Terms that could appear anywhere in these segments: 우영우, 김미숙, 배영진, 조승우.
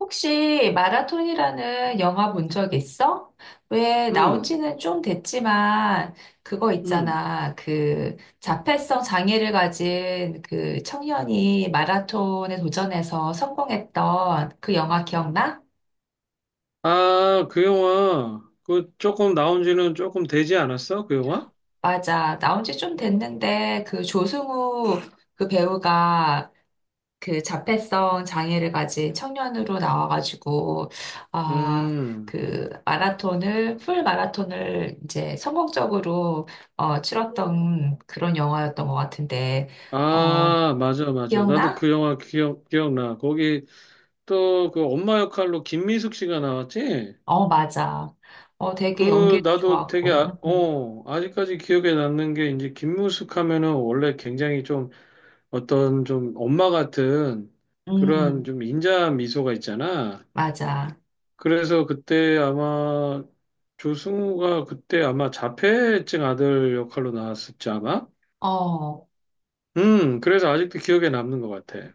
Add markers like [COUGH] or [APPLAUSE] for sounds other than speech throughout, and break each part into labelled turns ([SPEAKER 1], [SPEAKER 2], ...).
[SPEAKER 1] 혹시 마라톤이라는 영화 본 적 있어? 왜 나온
[SPEAKER 2] 응,
[SPEAKER 1] 지는 좀 됐지만 그거
[SPEAKER 2] 응.
[SPEAKER 1] 있잖아. 그 자폐성 장애를 가진 그 청년이 마라톤에 도전해서 성공했던 그 영화 기억나?
[SPEAKER 2] 아, 그 영화, 그 조금 나온 지는 조금 되지 않았어? 그 영화?
[SPEAKER 1] 맞아. 나온 지 좀 됐는데 그 조승우 그 배우가 그 자폐성 장애를 가진 청년으로 나와가지고 아,
[SPEAKER 2] 음.
[SPEAKER 1] 그 마라톤을 풀 마라톤을 이제 성공적으로 치렀던 그런 영화였던 것 같은데 어,
[SPEAKER 2] 아, 맞아, 맞아. 나도
[SPEAKER 1] 기억나?
[SPEAKER 2] 그 영화 기억나. 거기 또 그 엄마 역할로 김미숙 씨가 나왔지?
[SPEAKER 1] 어, 맞아. 어, 되게
[SPEAKER 2] 그,
[SPEAKER 1] 연기도
[SPEAKER 2] 나도 되게,
[SPEAKER 1] 좋았고.
[SPEAKER 2] 아, 어, 아직까지 기억에 남는 게 이제 김미숙 하면은 원래 굉장히 좀 어떤 좀 엄마 같은
[SPEAKER 1] 음,
[SPEAKER 2] 그러한
[SPEAKER 1] 음,
[SPEAKER 2] 좀 인자 미소가 있잖아.
[SPEAKER 1] 맞아.
[SPEAKER 2] 그래서 그때 아마 조승우가 그때 아마 자폐증 아들 역할로 나왔었지 아마?
[SPEAKER 1] 어.
[SPEAKER 2] 그래서 아직도 기억에 남는 것 같아.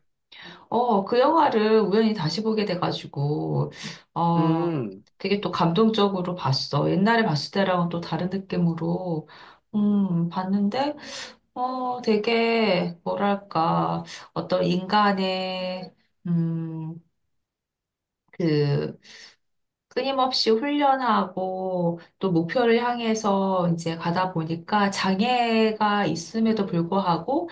[SPEAKER 1] 그 영화를 우연히 다시 보게 돼가지고, 어,
[SPEAKER 2] 음,
[SPEAKER 1] 되게 또 감동적으로 봤어. 옛날에 봤을 때랑은 또 다른 느낌으로, 봤는데, 어, 되게, 뭐랄까, 어떤 인간의, 음, 그, 끊임없이 훈련하고, 또 목표를 향해서 이제 가다 보니까 장애가 있음에도 불구하고,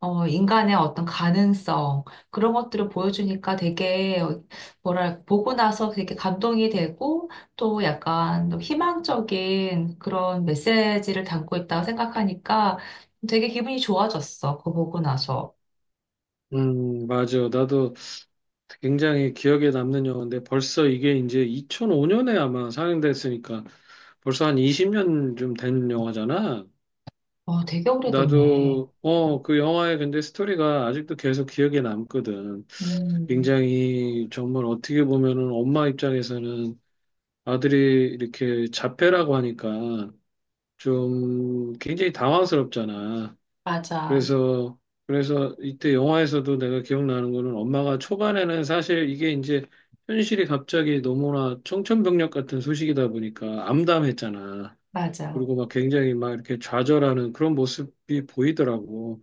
[SPEAKER 1] 어, 인간의 어떤 가능성, 그런 것들을 보여주니까 되게, 보고 나서 되게 감동이 되고, 또 약간 또 희망적인 그런 메시지를 담고 있다고 생각하니까 되게 기분이 좋아졌어. 그거 보고 나서.
[SPEAKER 2] 맞아. 나도 굉장히 기억에 남는 영화인데 벌써 이게 이제 2005년에 아마 상영됐으니까 벌써 한 20년 좀 된 영화잖아.
[SPEAKER 1] 어, 되게 오래됐네.
[SPEAKER 2] 나도, 어, 그 영화의 근데 스토리가 아직도 계속 기억에 남거든.
[SPEAKER 1] 음,
[SPEAKER 2] 굉장히 정말 어떻게 보면은 엄마 입장에서는 아들이 이렇게 자폐라고 하니까 좀 굉장히 당황스럽잖아.
[SPEAKER 1] 맞아,
[SPEAKER 2] 그래서, 그래서 이때 영화에서도 내가 기억나는 거는 엄마가 초반에는 사실 이게 이제 현실이 갑자기 너무나 청천벽력 같은 소식이다 보니까 암담했잖아.
[SPEAKER 1] 맞아.
[SPEAKER 2] 그리고 막 굉장히 막 이렇게 좌절하는 그런 모습이 보이더라고.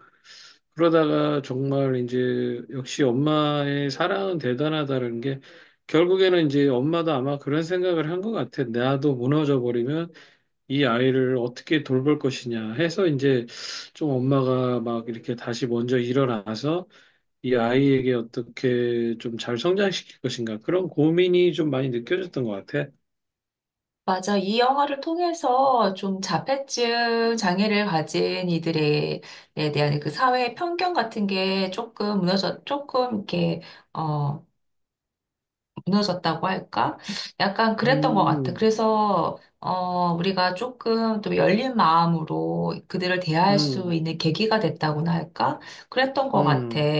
[SPEAKER 2] 그러다가 정말 이제 역시 엄마의 사랑은 대단하다는 게 결국에는 이제 엄마도 아마 그런 생각을 한 것 같아. 나도 무너져 버리면 이 아이를 어떻게 돌볼 것이냐 해서 이제 좀 엄마가 막 이렇게 다시 먼저 일어나서 이 아이에게 어떻게 좀 잘 성장시킬 것인가 그런 고민이 좀 많이 느껴졌던 것 같아.
[SPEAKER 1] 맞아. 이 영화를 통해서 좀 자폐증 장애를 가진 이들에 에 대한 그 사회의 편견 같은 게 조금 조금 이렇게, 어, 무너졌다고 할까? 약간 그랬던 것 같아.
[SPEAKER 2] 음,
[SPEAKER 1] 그래서, 어, 우리가 조금 또 열린 마음으로 그들을 대할 수
[SPEAKER 2] 음,
[SPEAKER 1] 있는 계기가 됐다고나 할까? 그랬던 것 같아.
[SPEAKER 2] 음,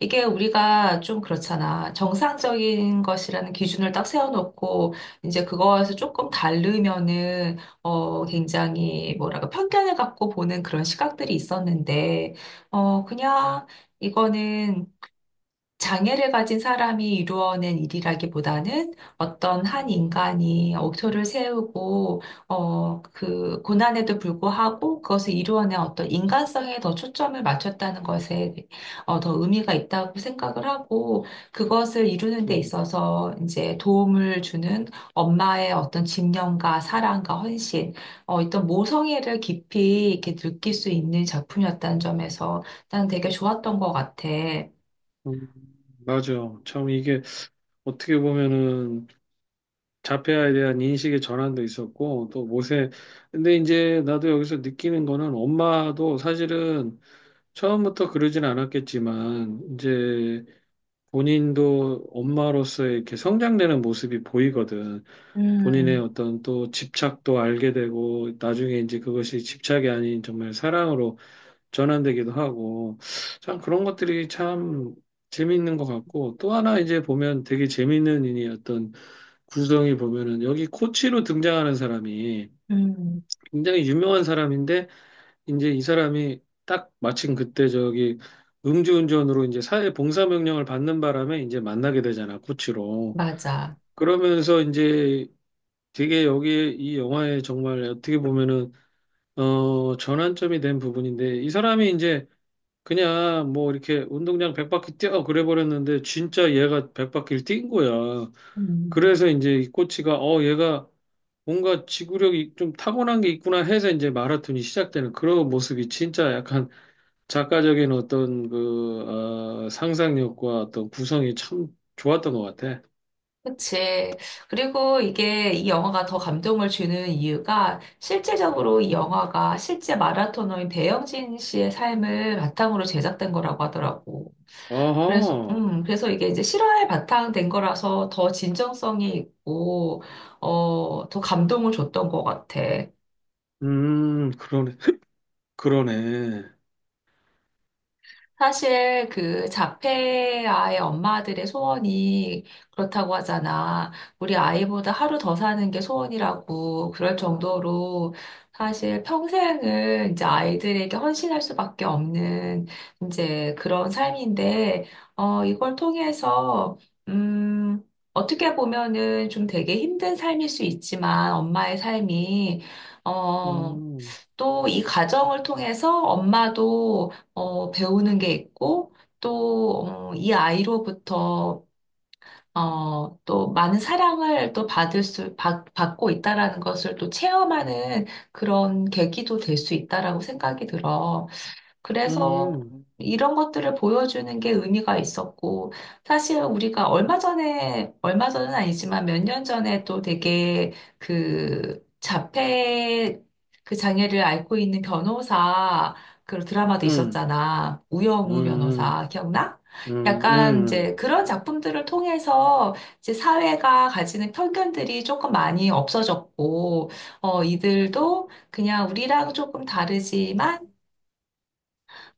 [SPEAKER 1] 이게 우리가 좀 그렇잖아. 정상적인 것이라는 기준을 딱 세워놓고, 이제 그거에서 조금 다르면은, 어, 굉장히 뭐랄까, 편견을 갖고 보는 그런 시각들이 있었는데, 그냥, 이거는 장애를 가진 사람이 이루어낸 일이라기보다는 어떤 한 인간이 억초를 세우고, 어, 그 고난에도 불구하고 그것을 이루어낸 어떤 인간성에 더 초점을 맞췄다는 것에 더 의미가 있다고 생각을 하고, 그것을 이루는 데
[SPEAKER 2] 음,
[SPEAKER 1] 있어서 이제 도움을 주는 엄마의 어떤 집념과 사랑과 헌신, 어떤 모성애를 깊이 이렇게 느낄 수 있는 작품이었다는 점에서 난 되게 좋았던 것 같아.
[SPEAKER 2] 음. 맞아. 참 이게 어떻게 보면은 자폐아에 대한 인식의 전환도 있었고 또 모세 근데 이제 나도 여기서 느끼는 거는 엄마도 사실은 처음부터 그러진 않았겠지만 이제 본인도 엄마로서 이렇게 성장되는 모습이 보이거든. 본인의
[SPEAKER 1] 음.
[SPEAKER 2] 어떤 또 집착도 알게 되고 나중에 이제 그것이 집착이 아닌 정말 사랑으로 전환되기도 하고 참 그런 것들이 참 재미있는 것 같고 또 하나 이제 보면 되게 재미있는 일이 어떤 구성이 보면은 여기 코치로 등장하는 사람이
[SPEAKER 1] 음,
[SPEAKER 2] 굉장히 유명한 사람인데 이제 이 사람이 딱 마침 그때 저기 음주운전으로 이제 사회 봉사 명령을 받는 바람에 이제 만나게 되잖아 코치로.
[SPEAKER 1] 맞아.
[SPEAKER 2] 그러면서 이제 되게 여기 이 영화에 정말 어떻게 보면은 어 전환점이 된 부분인데 이 사람이 이제 그냥 뭐 이렇게 운동장 100바퀴 뛰어 그래 버렸는데 진짜 얘가 100바퀴를 뛴 거야.
[SPEAKER 1] 음,
[SPEAKER 2] 그래서 이제 이 코치가 어 얘가 뭔가 지구력이 좀 타고난 게 있구나 해서 이제 마라톤이 시작되는 그런 모습이 진짜 약간 작가적인 어떤 그 어, 상상력과 어떤 구성이 참 좋았던 것 같아.
[SPEAKER 1] 그치. 그리고 이게 이 영화가 더 감동을 주는 이유가 실제적으로 이 영화가 실제 마라토너인 배영진 씨의 삶을 바탕으로 제작된 거라고 하더라고. 그래서,
[SPEAKER 2] 아하.
[SPEAKER 1] 그래서 이게 이제 실화에 바탕된 거라서 더 진정성이 있고, 더 감동을 줬던 것 같아.
[SPEAKER 2] 그러네. 그러네.
[SPEAKER 1] 사실 그 자폐아의 엄마들의 소원이 그렇다고 하잖아. 우리 아이보다 하루 더 사는 게 소원이라고 그럴 정도로 사실 평생을 이제 아이들에게 헌신할 수밖에 없는 이제 그런 삶인데, 어, 이걸 통해서, 음, 어떻게 보면은 좀 되게 힘든 삶일 수 있지만 엄마의 삶이, 어,
[SPEAKER 2] 음.
[SPEAKER 1] 또 이 가정을 통해서 엄마도 배우는 게 있고, 또, 이 아이로부터, 또 많은 사랑을 또 받고 있다라는 것을 또 체험하는 그런 계기도 될 수 있다라고 생각이 들어. 그래서
[SPEAKER 2] 음.
[SPEAKER 1] 이런 것들을 보여주는 게 의미가 있었고, 사실 우리가 얼마 전은 아니지만 몇 년 전에 또 되게 그 자폐 그 장애를 앓고 있는 변호사 그 드라마도
[SPEAKER 2] 음.
[SPEAKER 1] 있었잖아. 우영우
[SPEAKER 2] 음.
[SPEAKER 1] 변호사, 기억나?
[SPEAKER 2] 음. 음.
[SPEAKER 1] 약간 이제
[SPEAKER 2] 음.
[SPEAKER 1] 그런 작품들을 통해서 이제 사회가 가지는 편견들이 조금 많이 없어졌고, 어, 이들도 그냥 우리랑 조금 다르지만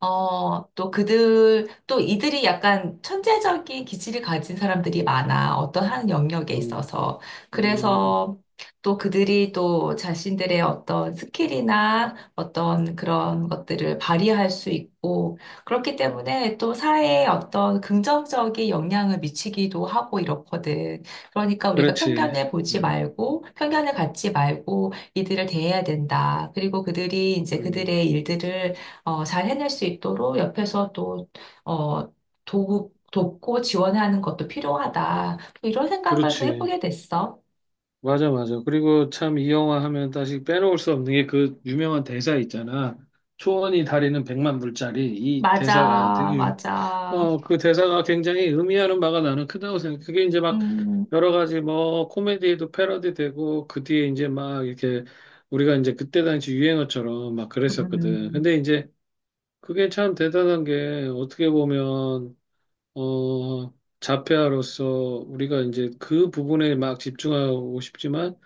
[SPEAKER 1] 또 이들이 약간 천재적인 기질을 가진 사람들이 많아. 어떤 한 영역에
[SPEAKER 2] 음.
[SPEAKER 1] 있어서.
[SPEAKER 2] 음,
[SPEAKER 1] 그래서 또 그들이 또 자신들의 어떤 스킬이나 어떤 그런 것들을 발휘할 수 있고, 그렇기 때문에 또 사회에 어떤 긍정적인 영향을 미치기도 하고 이렇거든. 그러니까 우리가
[SPEAKER 2] 그렇지.
[SPEAKER 1] 편견을 보지
[SPEAKER 2] 음,
[SPEAKER 1] 말고, 편견을 갖지 말고 이들을 대해야 된다. 그리고 그들이 이제
[SPEAKER 2] 음,
[SPEAKER 1] 그들의 일들을 잘 해낼 수 있도록 옆에서 또, 어, 돕고 지원하는 것도 필요하다. 이런 생각을 또
[SPEAKER 2] 그렇지.
[SPEAKER 1] 해보게 됐어.
[SPEAKER 2] 맞아, 맞아. 그리고 참 이 영화 하면 다시 빼놓을 수 없는 게 그 유명한 대사 있잖아. 초원이 다리는 백만 불짜리. 이 대사가
[SPEAKER 1] 맞아,
[SPEAKER 2] 되게, 유-
[SPEAKER 1] 맞아.
[SPEAKER 2] 어, 그 대사가 굉장히 의미하는 바가 나는 크다고 생각해. 그게 이제 막
[SPEAKER 1] 음,
[SPEAKER 2] 여러 가지 뭐 코미디에도 패러디 되고 그 뒤에 이제 막 이렇게 우리가 이제 그때 당시 유행어처럼 막 그랬었거든.
[SPEAKER 1] 음,
[SPEAKER 2] 근데 이제 그게 참 대단한 게 어떻게 보면 어, 자폐아로서 우리가 이제 그 부분에 막 집중하고 싶지만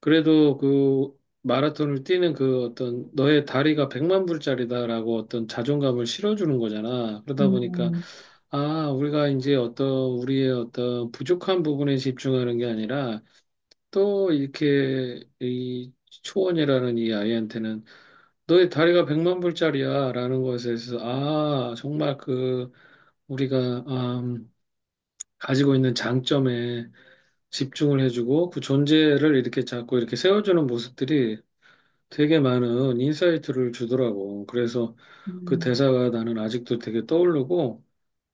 [SPEAKER 2] 그래도 그 마라톤을 뛰는 그 어떤 너의 다리가 백만 불짜리다라고 어떤 자존감을 실어주는 거잖아. 그러다 보니까
[SPEAKER 1] 음,
[SPEAKER 2] 아, 우리가 이제 어떤 우리의 어떤 부족한 부분에 집중하는 게 아니라 또 이렇게 이 초원이라는 이 아이한테는 너의 다리가 백만 불짜리야라는 것에 대해서 아, 정말 그 우리가 아, 가지고 있는 장점에 집중을 해주고 그 존재를 이렇게 자꾸 이렇게 세워주는 모습들이 되게 많은 인사이트를 주더라고. 그래서 그
[SPEAKER 1] 음.
[SPEAKER 2] 대사가 나는 아직도 되게 떠오르고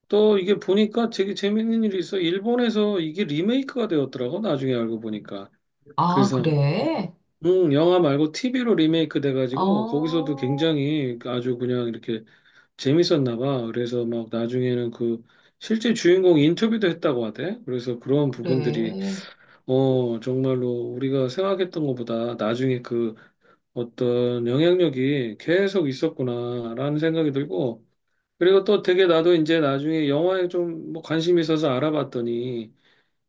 [SPEAKER 2] 또 이게 보니까 되게 재밌는 일이 있어. 일본에서 이게 리메이크가 되었더라고. 나중에 알고 보니까.
[SPEAKER 1] 아,
[SPEAKER 2] 그래서
[SPEAKER 1] 그래?
[SPEAKER 2] 영화 말고 TV로 리메이크 돼가지고 거기서도
[SPEAKER 1] 어,
[SPEAKER 2] 굉장히 아주 그냥 이렇게 재밌었나 봐. 그래서 막 나중에는 그 실제 주인공 인터뷰도 했다고 하대. 그래서 그런 부분들이
[SPEAKER 1] 그래.
[SPEAKER 2] 어, 정말로 우리가 생각했던 것보다 나중에 그 어떤 영향력이 계속 있었구나라는 생각이 들고, 그리고 또 되게 나도 이제 나중에 영화에 좀 뭐 관심이 있어서 알아봤더니,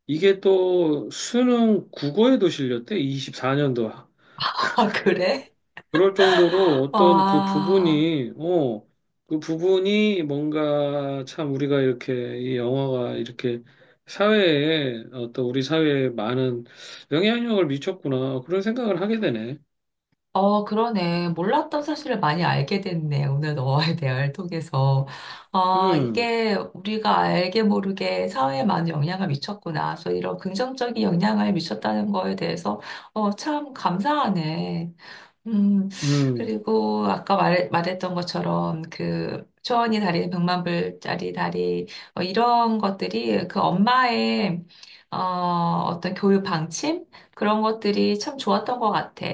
[SPEAKER 2] 이게 또 수능 국어에도 실렸대, 24년도.
[SPEAKER 1] [LAUGHS] 아, 그래?
[SPEAKER 2] 그럴 정도로 어떤 그
[SPEAKER 1] 와.
[SPEAKER 2] 부분이, 어, 그 부분이 뭔가 참 우리가 이렇게 이 영화가 이렇게 사회에 어떤 우리 사회에 많은 영향력을 미쳤구나. 그런 생각을 하게 되네.
[SPEAKER 1] 어, 그러네. 몰랐던 사실을 많이 알게 됐네. 오늘 너와의 [LAUGHS] 대화를 통해서. 아,
[SPEAKER 2] 음,
[SPEAKER 1] 이게 우리가 알게 모르게 사회에 많은 영향을 미쳤구나. 그래서 이런 긍정적인 영향을 미쳤다는 거에 대해서, 어, 참 감사하네. 음,
[SPEAKER 2] 음,
[SPEAKER 1] 그리고 아까 말했던 것처럼 그 초원이 다리, 백만불짜리 다리, 어, 이런 것들이 그 엄마의 어, 어떤 교육 방침? 그런 것들이 참 좋았던 것 같아.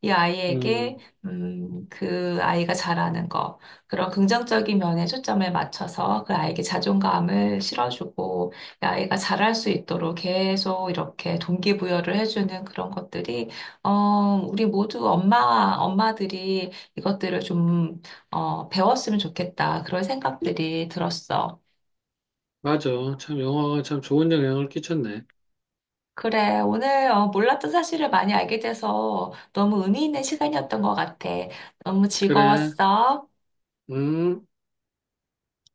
[SPEAKER 1] 이
[SPEAKER 2] 음.
[SPEAKER 1] 아이에게, 그 아이가 잘하는 거, 그런 긍정적인 면에 초점을 맞춰서 그 아이에게 자존감을 실어주고, 이 아이가 잘할 수 있도록 계속 이렇게 동기부여를 해주는 그런 것들이 어, 우리 모두 엄마와 엄마들이 이것들을 좀, 배웠으면 좋겠다. 그런 생각들이 들었어.
[SPEAKER 2] 맞아. 참 영화가 참 좋은 영향을 끼쳤네.
[SPEAKER 1] 그래, 오늘 몰랐던 사실을 많이 알게 돼서 너무 의미 있는 시간이었던 것 같아. 너무
[SPEAKER 2] 그래.
[SPEAKER 1] 즐거웠어.
[SPEAKER 2] 음.